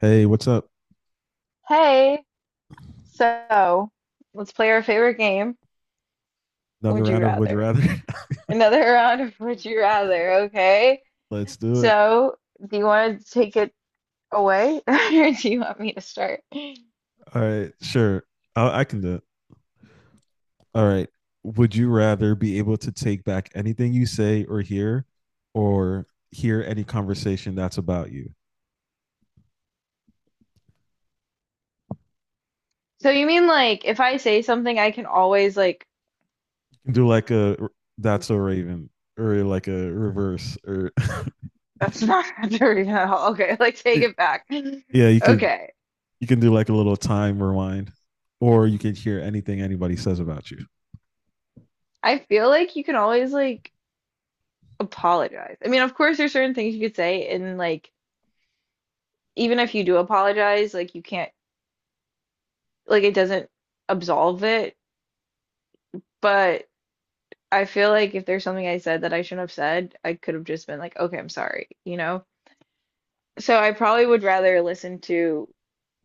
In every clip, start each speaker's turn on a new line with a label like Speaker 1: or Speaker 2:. Speaker 1: Hey, what's up?
Speaker 2: Hey, so let's play our favorite game.
Speaker 1: Another
Speaker 2: Would you
Speaker 1: round of Would You
Speaker 2: rather?
Speaker 1: Rather?
Speaker 2: Another round of Would You Rather, okay?
Speaker 1: Let's do it.
Speaker 2: So, do you want to take it away or do you want me to start?
Speaker 1: All right, sure. I can do it. All right. Would you rather be able to take back anything you say or hear any conversation that's about you?
Speaker 2: So, you mean like if I say something, I can always
Speaker 1: You can do like that's a Raven or like a reverse or
Speaker 2: that's not dirty at all. Okay, like take it back.
Speaker 1: yeah, you could.
Speaker 2: Okay.
Speaker 1: You can do like a little time rewind, or you can hear anything anybody says about you.
Speaker 2: I feel like you can always like apologize. I mean, of course, there's certain things you could say, and like, even if you do apologize, like, you can't, like, it doesn't absolve it. But I feel like if there's something I said that I shouldn't have said, I could have just been like, okay, I'm sorry, you know? So I probably would rather listen to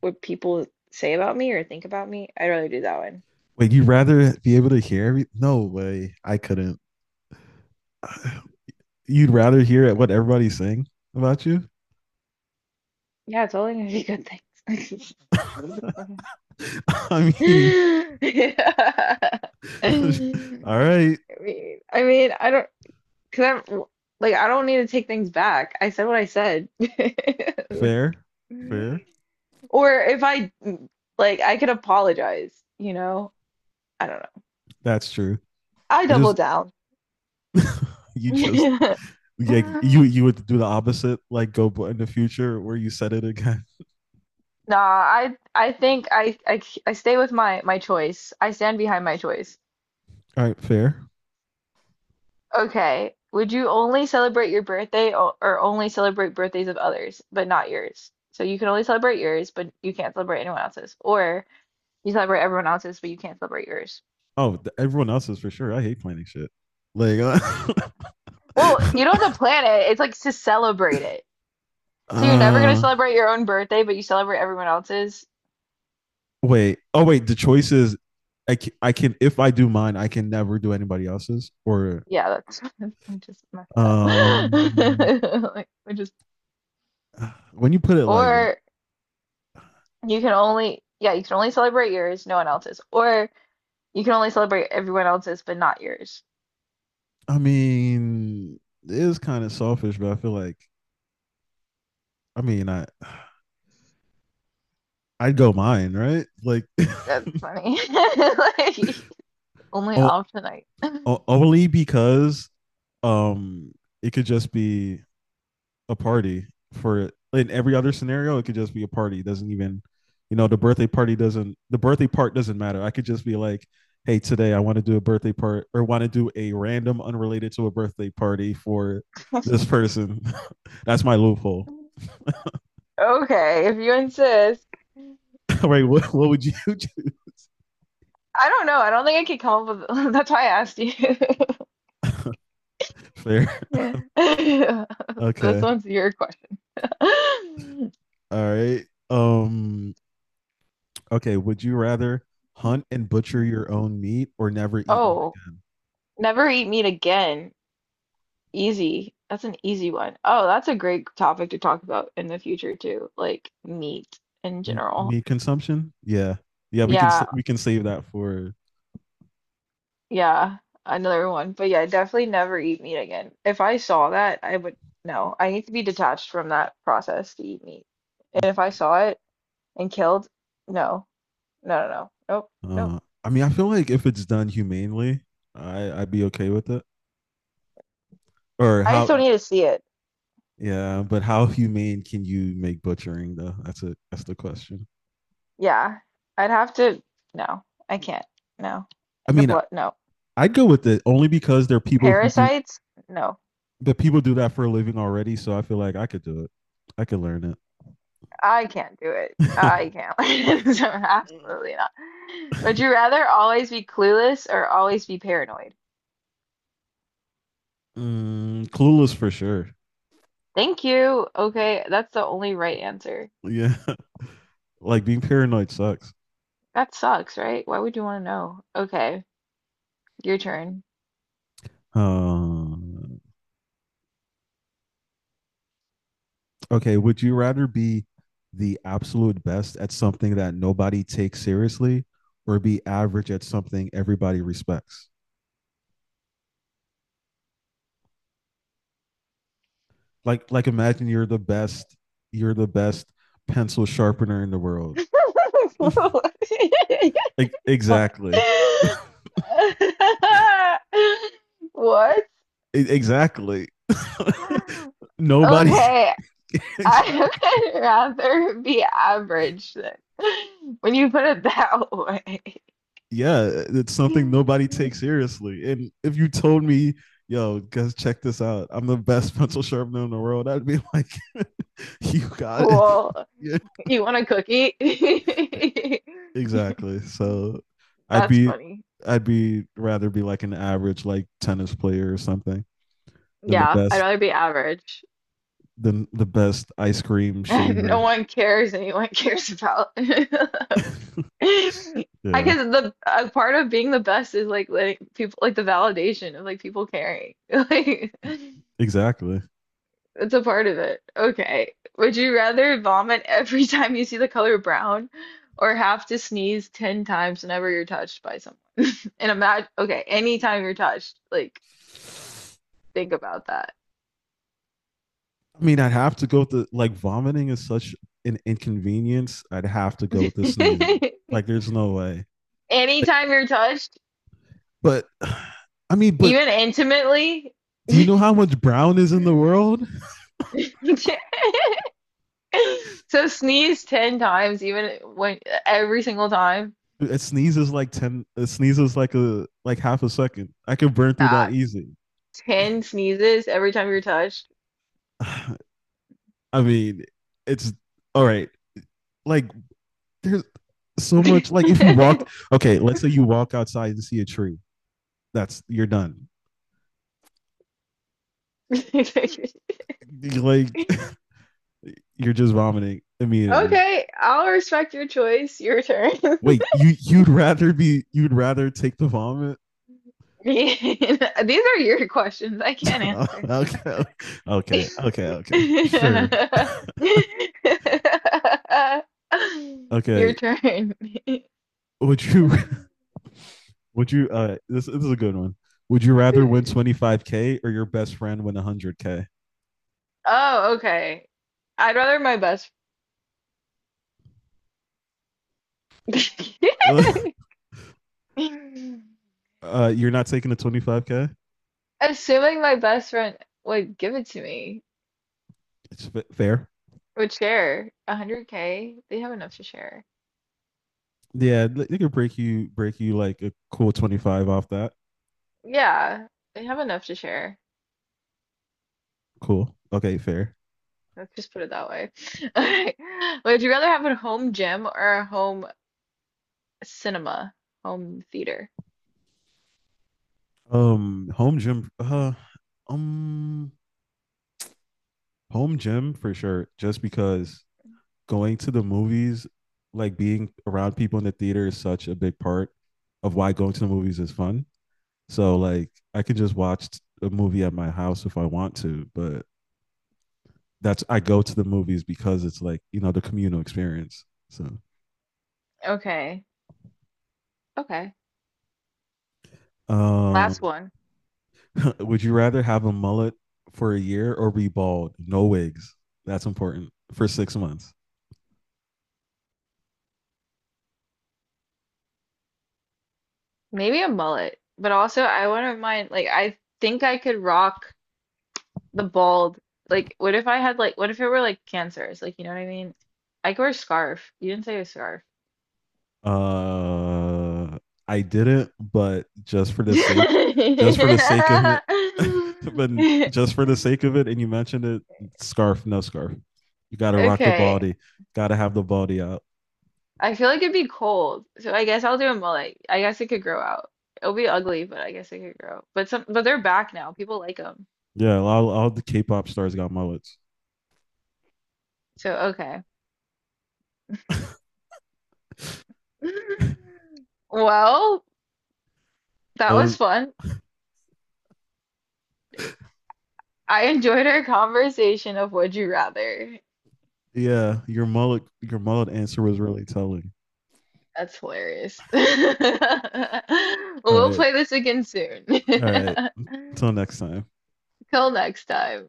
Speaker 2: what people say about me or think about me. I'd rather do that one.
Speaker 1: Wait, you'd rather be able to hear every? No way, I couldn't. You'd rather hear what everybody's saying about you?
Speaker 2: Yeah, it's only gonna be good things.
Speaker 1: I mean,
Speaker 2: Yeah. I
Speaker 1: all
Speaker 2: mean,
Speaker 1: right.
Speaker 2: I mean, I don't, cause I'm like, I don't need to take things back. I said what I said. Like,
Speaker 1: Fair, fair.
Speaker 2: or if I like, I could apologize, you know? I don't know.
Speaker 1: That's true.
Speaker 2: I
Speaker 1: I
Speaker 2: double
Speaker 1: just
Speaker 2: down.
Speaker 1: you just yeah, you would do the opposite, like go in the future where you said it again.
Speaker 2: Nah, I think I stay with my choice. I stand behind my choice.
Speaker 1: All right, fair.
Speaker 2: Okay. Would you only celebrate your birthday or only celebrate birthdays of others, but not yours? So you can only celebrate yours, but you can't celebrate anyone else's. Or you celebrate everyone else's, but you can't celebrate yours.
Speaker 1: Oh, everyone else is for sure. I hate planning shit. Like,
Speaker 2: Well, you don't have to plan it. It's like to celebrate it. So you're never gonna
Speaker 1: uh
Speaker 2: celebrate your own birthday, but you celebrate everyone else's.
Speaker 1: wait. Oh, wait. The choice is, I can if I do mine, I can never do anybody else's. Or
Speaker 2: Yeah, that's we just messed up.
Speaker 1: um,
Speaker 2: Like we just
Speaker 1: when you put it like that,
Speaker 2: or You can only yeah, you can only celebrate yours, no one else's. Or you can only celebrate everyone else's but not yours.
Speaker 1: I mean, it is kind of selfish, but I feel like, I mean, I. I'd go mine, right? Like,
Speaker 2: That's funny. Like only
Speaker 1: o-
Speaker 2: off tonight.
Speaker 1: only because um it could just be a party for. In every other scenario it could just be a party. It doesn't even, you know, the birthday party doesn't, the birthday part doesn't matter. I could just be like, hey, today I want to do a birthday part, or want to do a random unrelated to a birthday party for this person. That's my loophole.
Speaker 2: Okay, if you insist.
Speaker 1: Right? What would you do?
Speaker 2: I don't know. I don't think I could come up with that's why I asked you.
Speaker 1: Fair.
Speaker 2: Yeah. This
Speaker 1: Okay,
Speaker 2: one's your question.
Speaker 1: all right, um okay, would you rather hunt and butcher your own meat or never eat meat
Speaker 2: Oh,
Speaker 1: again?
Speaker 2: never eat meat again. Easy. That's an easy one. Oh, that's a great topic to talk about in the future too, like meat in general.
Speaker 1: Meat consumption? Yeah, yeah, we can
Speaker 2: Yeah,
Speaker 1: we can save that for.
Speaker 2: yeah, another one. But yeah, definitely never eat meat again. If I saw that, I would no. I need to be detached from that process to eat meat. And if I saw it and killed, no, no, no, no, nope, nope.
Speaker 1: Uh, I mean, I feel like if it's done humanely, I'd be okay with it. Or
Speaker 2: I just
Speaker 1: how?
Speaker 2: don't need to see it.
Speaker 1: Yeah, but how humane can you make butchering though? That's the question.
Speaker 2: Yeah, I'd have to. No, I can't. No,
Speaker 1: I
Speaker 2: the
Speaker 1: mean, I-
Speaker 2: blood. No,
Speaker 1: I'd go with it only because
Speaker 2: parasites. No.
Speaker 1: the people do that for a living already, so I feel like I could do it. I could learn it.
Speaker 2: I can't do it. I can't. So, absolutely not. Would you rather always be clueless or always be paranoid?
Speaker 1: Mm, clueless for sure.
Speaker 2: Thank you. Okay, that's the only right answer.
Speaker 1: Yeah. Like being paranoid sucks.
Speaker 2: That sucks, right? Why would you want to know? Okay, your turn.
Speaker 1: Um, okay, would you rather be the absolute best at something that nobody takes seriously, or be average at something everybody respects? Like imagine you're the best pencil sharpener in the world. E-
Speaker 2: What?
Speaker 1: exactly,
Speaker 2: What?
Speaker 1: Exactly. Nobody,
Speaker 2: Okay, I
Speaker 1: exactly.
Speaker 2: would rather be average then. When you put it that way.
Speaker 1: Yeah, it's something nobody takes seriously. And if you told me, yo, guys, check this out, I'm the best pencil sharpener in the world, I'd be like, you got it.
Speaker 2: Cool.
Speaker 1: Yeah,
Speaker 2: You want a cookie?
Speaker 1: exactly. So I'd
Speaker 2: That's
Speaker 1: be,
Speaker 2: funny.
Speaker 1: I'd be rather be like an average like tennis player or something than the
Speaker 2: Yeah, I'd
Speaker 1: best,
Speaker 2: rather be average.
Speaker 1: than the best ice cream
Speaker 2: No
Speaker 1: shaver.
Speaker 2: one cares anyone cares about. I
Speaker 1: Yeah,
Speaker 2: guess the a part of being the best is like letting people like the validation of like people caring. Like
Speaker 1: exactly.
Speaker 2: it's a part of it. Okay. Would you rather vomit every time you see the color brown or have to sneeze 10 times whenever you're touched by someone? And imagine, okay, anytime you're touched, like, think about that.
Speaker 1: I mean, I'd have to go with the like vomiting is such an inconvenience. I'd have to go with the sneezing. Like, there's no way.
Speaker 2: Anytime you're touched,
Speaker 1: But I mean, but
Speaker 2: even intimately.
Speaker 1: do you know how much brown is in the world?
Speaker 2: So sneeze 10 times, even when every single time.
Speaker 1: It sneezes like ten. It sneezes like a like half a second. I can burn through that
Speaker 2: Nah,
Speaker 1: easy.
Speaker 2: 10 sneezes every time you're touched.
Speaker 1: I mean, it's all right. Like there's so much. Like if you walk, okay, let's say you walk outside and see a tree. That's you're done. Like you're just vomiting immediately.
Speaker 2: Okay, I'll respect your choice. Your turn.
Speaker 1: Wait, you'd rather be, you'd rather take the vomit?
Speaker 2: These are your questions. I can't answer
Speaker 1: Okay,
Speaker 2: them.
Speaker 1: okay, okay, okay. Sure.
Speaker 2: Your
Speaker 1: Okay,
Speaker 2: turn.
Speaker 1: would you would you this is a good one. Would you rather win 25K or your best friend win 100K?
Speaker 2: Oh, okay. I'd rather my best.
Speaker 1: You're not taking a 25K?
Speaker 2: Assuming my best friend would give it to me,
Speaker 1: It's fair.
Speaker 2: would share 100K, they have enough to share.
Speaker 1: Yeah, they could break you like a cool 25 off that.
Speaker 2: Yeah, they have enough to share.
Speaker 1: Cool. Okay, fair.
Speaker 2: Let's just put it that way. All right. Would you rather have a home gym or a home cinema? Home theater.
Speaker 1: Um home gym uh um home gym for sure just because going to the movies, like being around people in the theater is such a big part of why going to the movies is fun. So like I can just watch a movie at my house if I want to, but that's, I go to the movies because it's like, you know, the communal experience. So
Speaker 2: Okay. Okay. Last
Speaker 1: um
Speaker 2: one.
Speaker 1: would you rather have a mullet for a year or be bald? No wigs. That's important. For 6 months.
Speaker 2: Maybe a mullet, but also I wouldn't mind like I think I could rock the bald. Like what if I had like what if it were like cancers? Like you know what I mean? I could wear a scarf. You didn't say a scarf.
Speaker 1: Uh, I didn't, but just for the sake, just for the sake of it, but just for the sake of it, and you mentioned it, scarf, no scarf. You got to rock the
Speaker 2: Okay.
Speaker 1: baldy. Got to have the baldy out.
Speaker 2: I feel like it'd be cold, so I guess I'll do a mullet. I guess it could grow out. It'll be ugly, but I guess it could grow. But some, but they're back now. People like them,
Speaker 1: Yeah, all the K-pop stars got mullets.
Speaker 2: so okay. Well, that was
Speaker 1: Oh,
Speaker 2: fun. I enjoyed our conversation of Would You Rather.
Speaker 1: yeah, your mullet answer was really telling.
Speaker 2: That's hilarious.
Speaker 1: All
Speaker 2: We'll
Speaker 1: right,
Speaker 2: play this again soon.
Speaker 1: all right. Until next time.
Speaker 2: Till next time.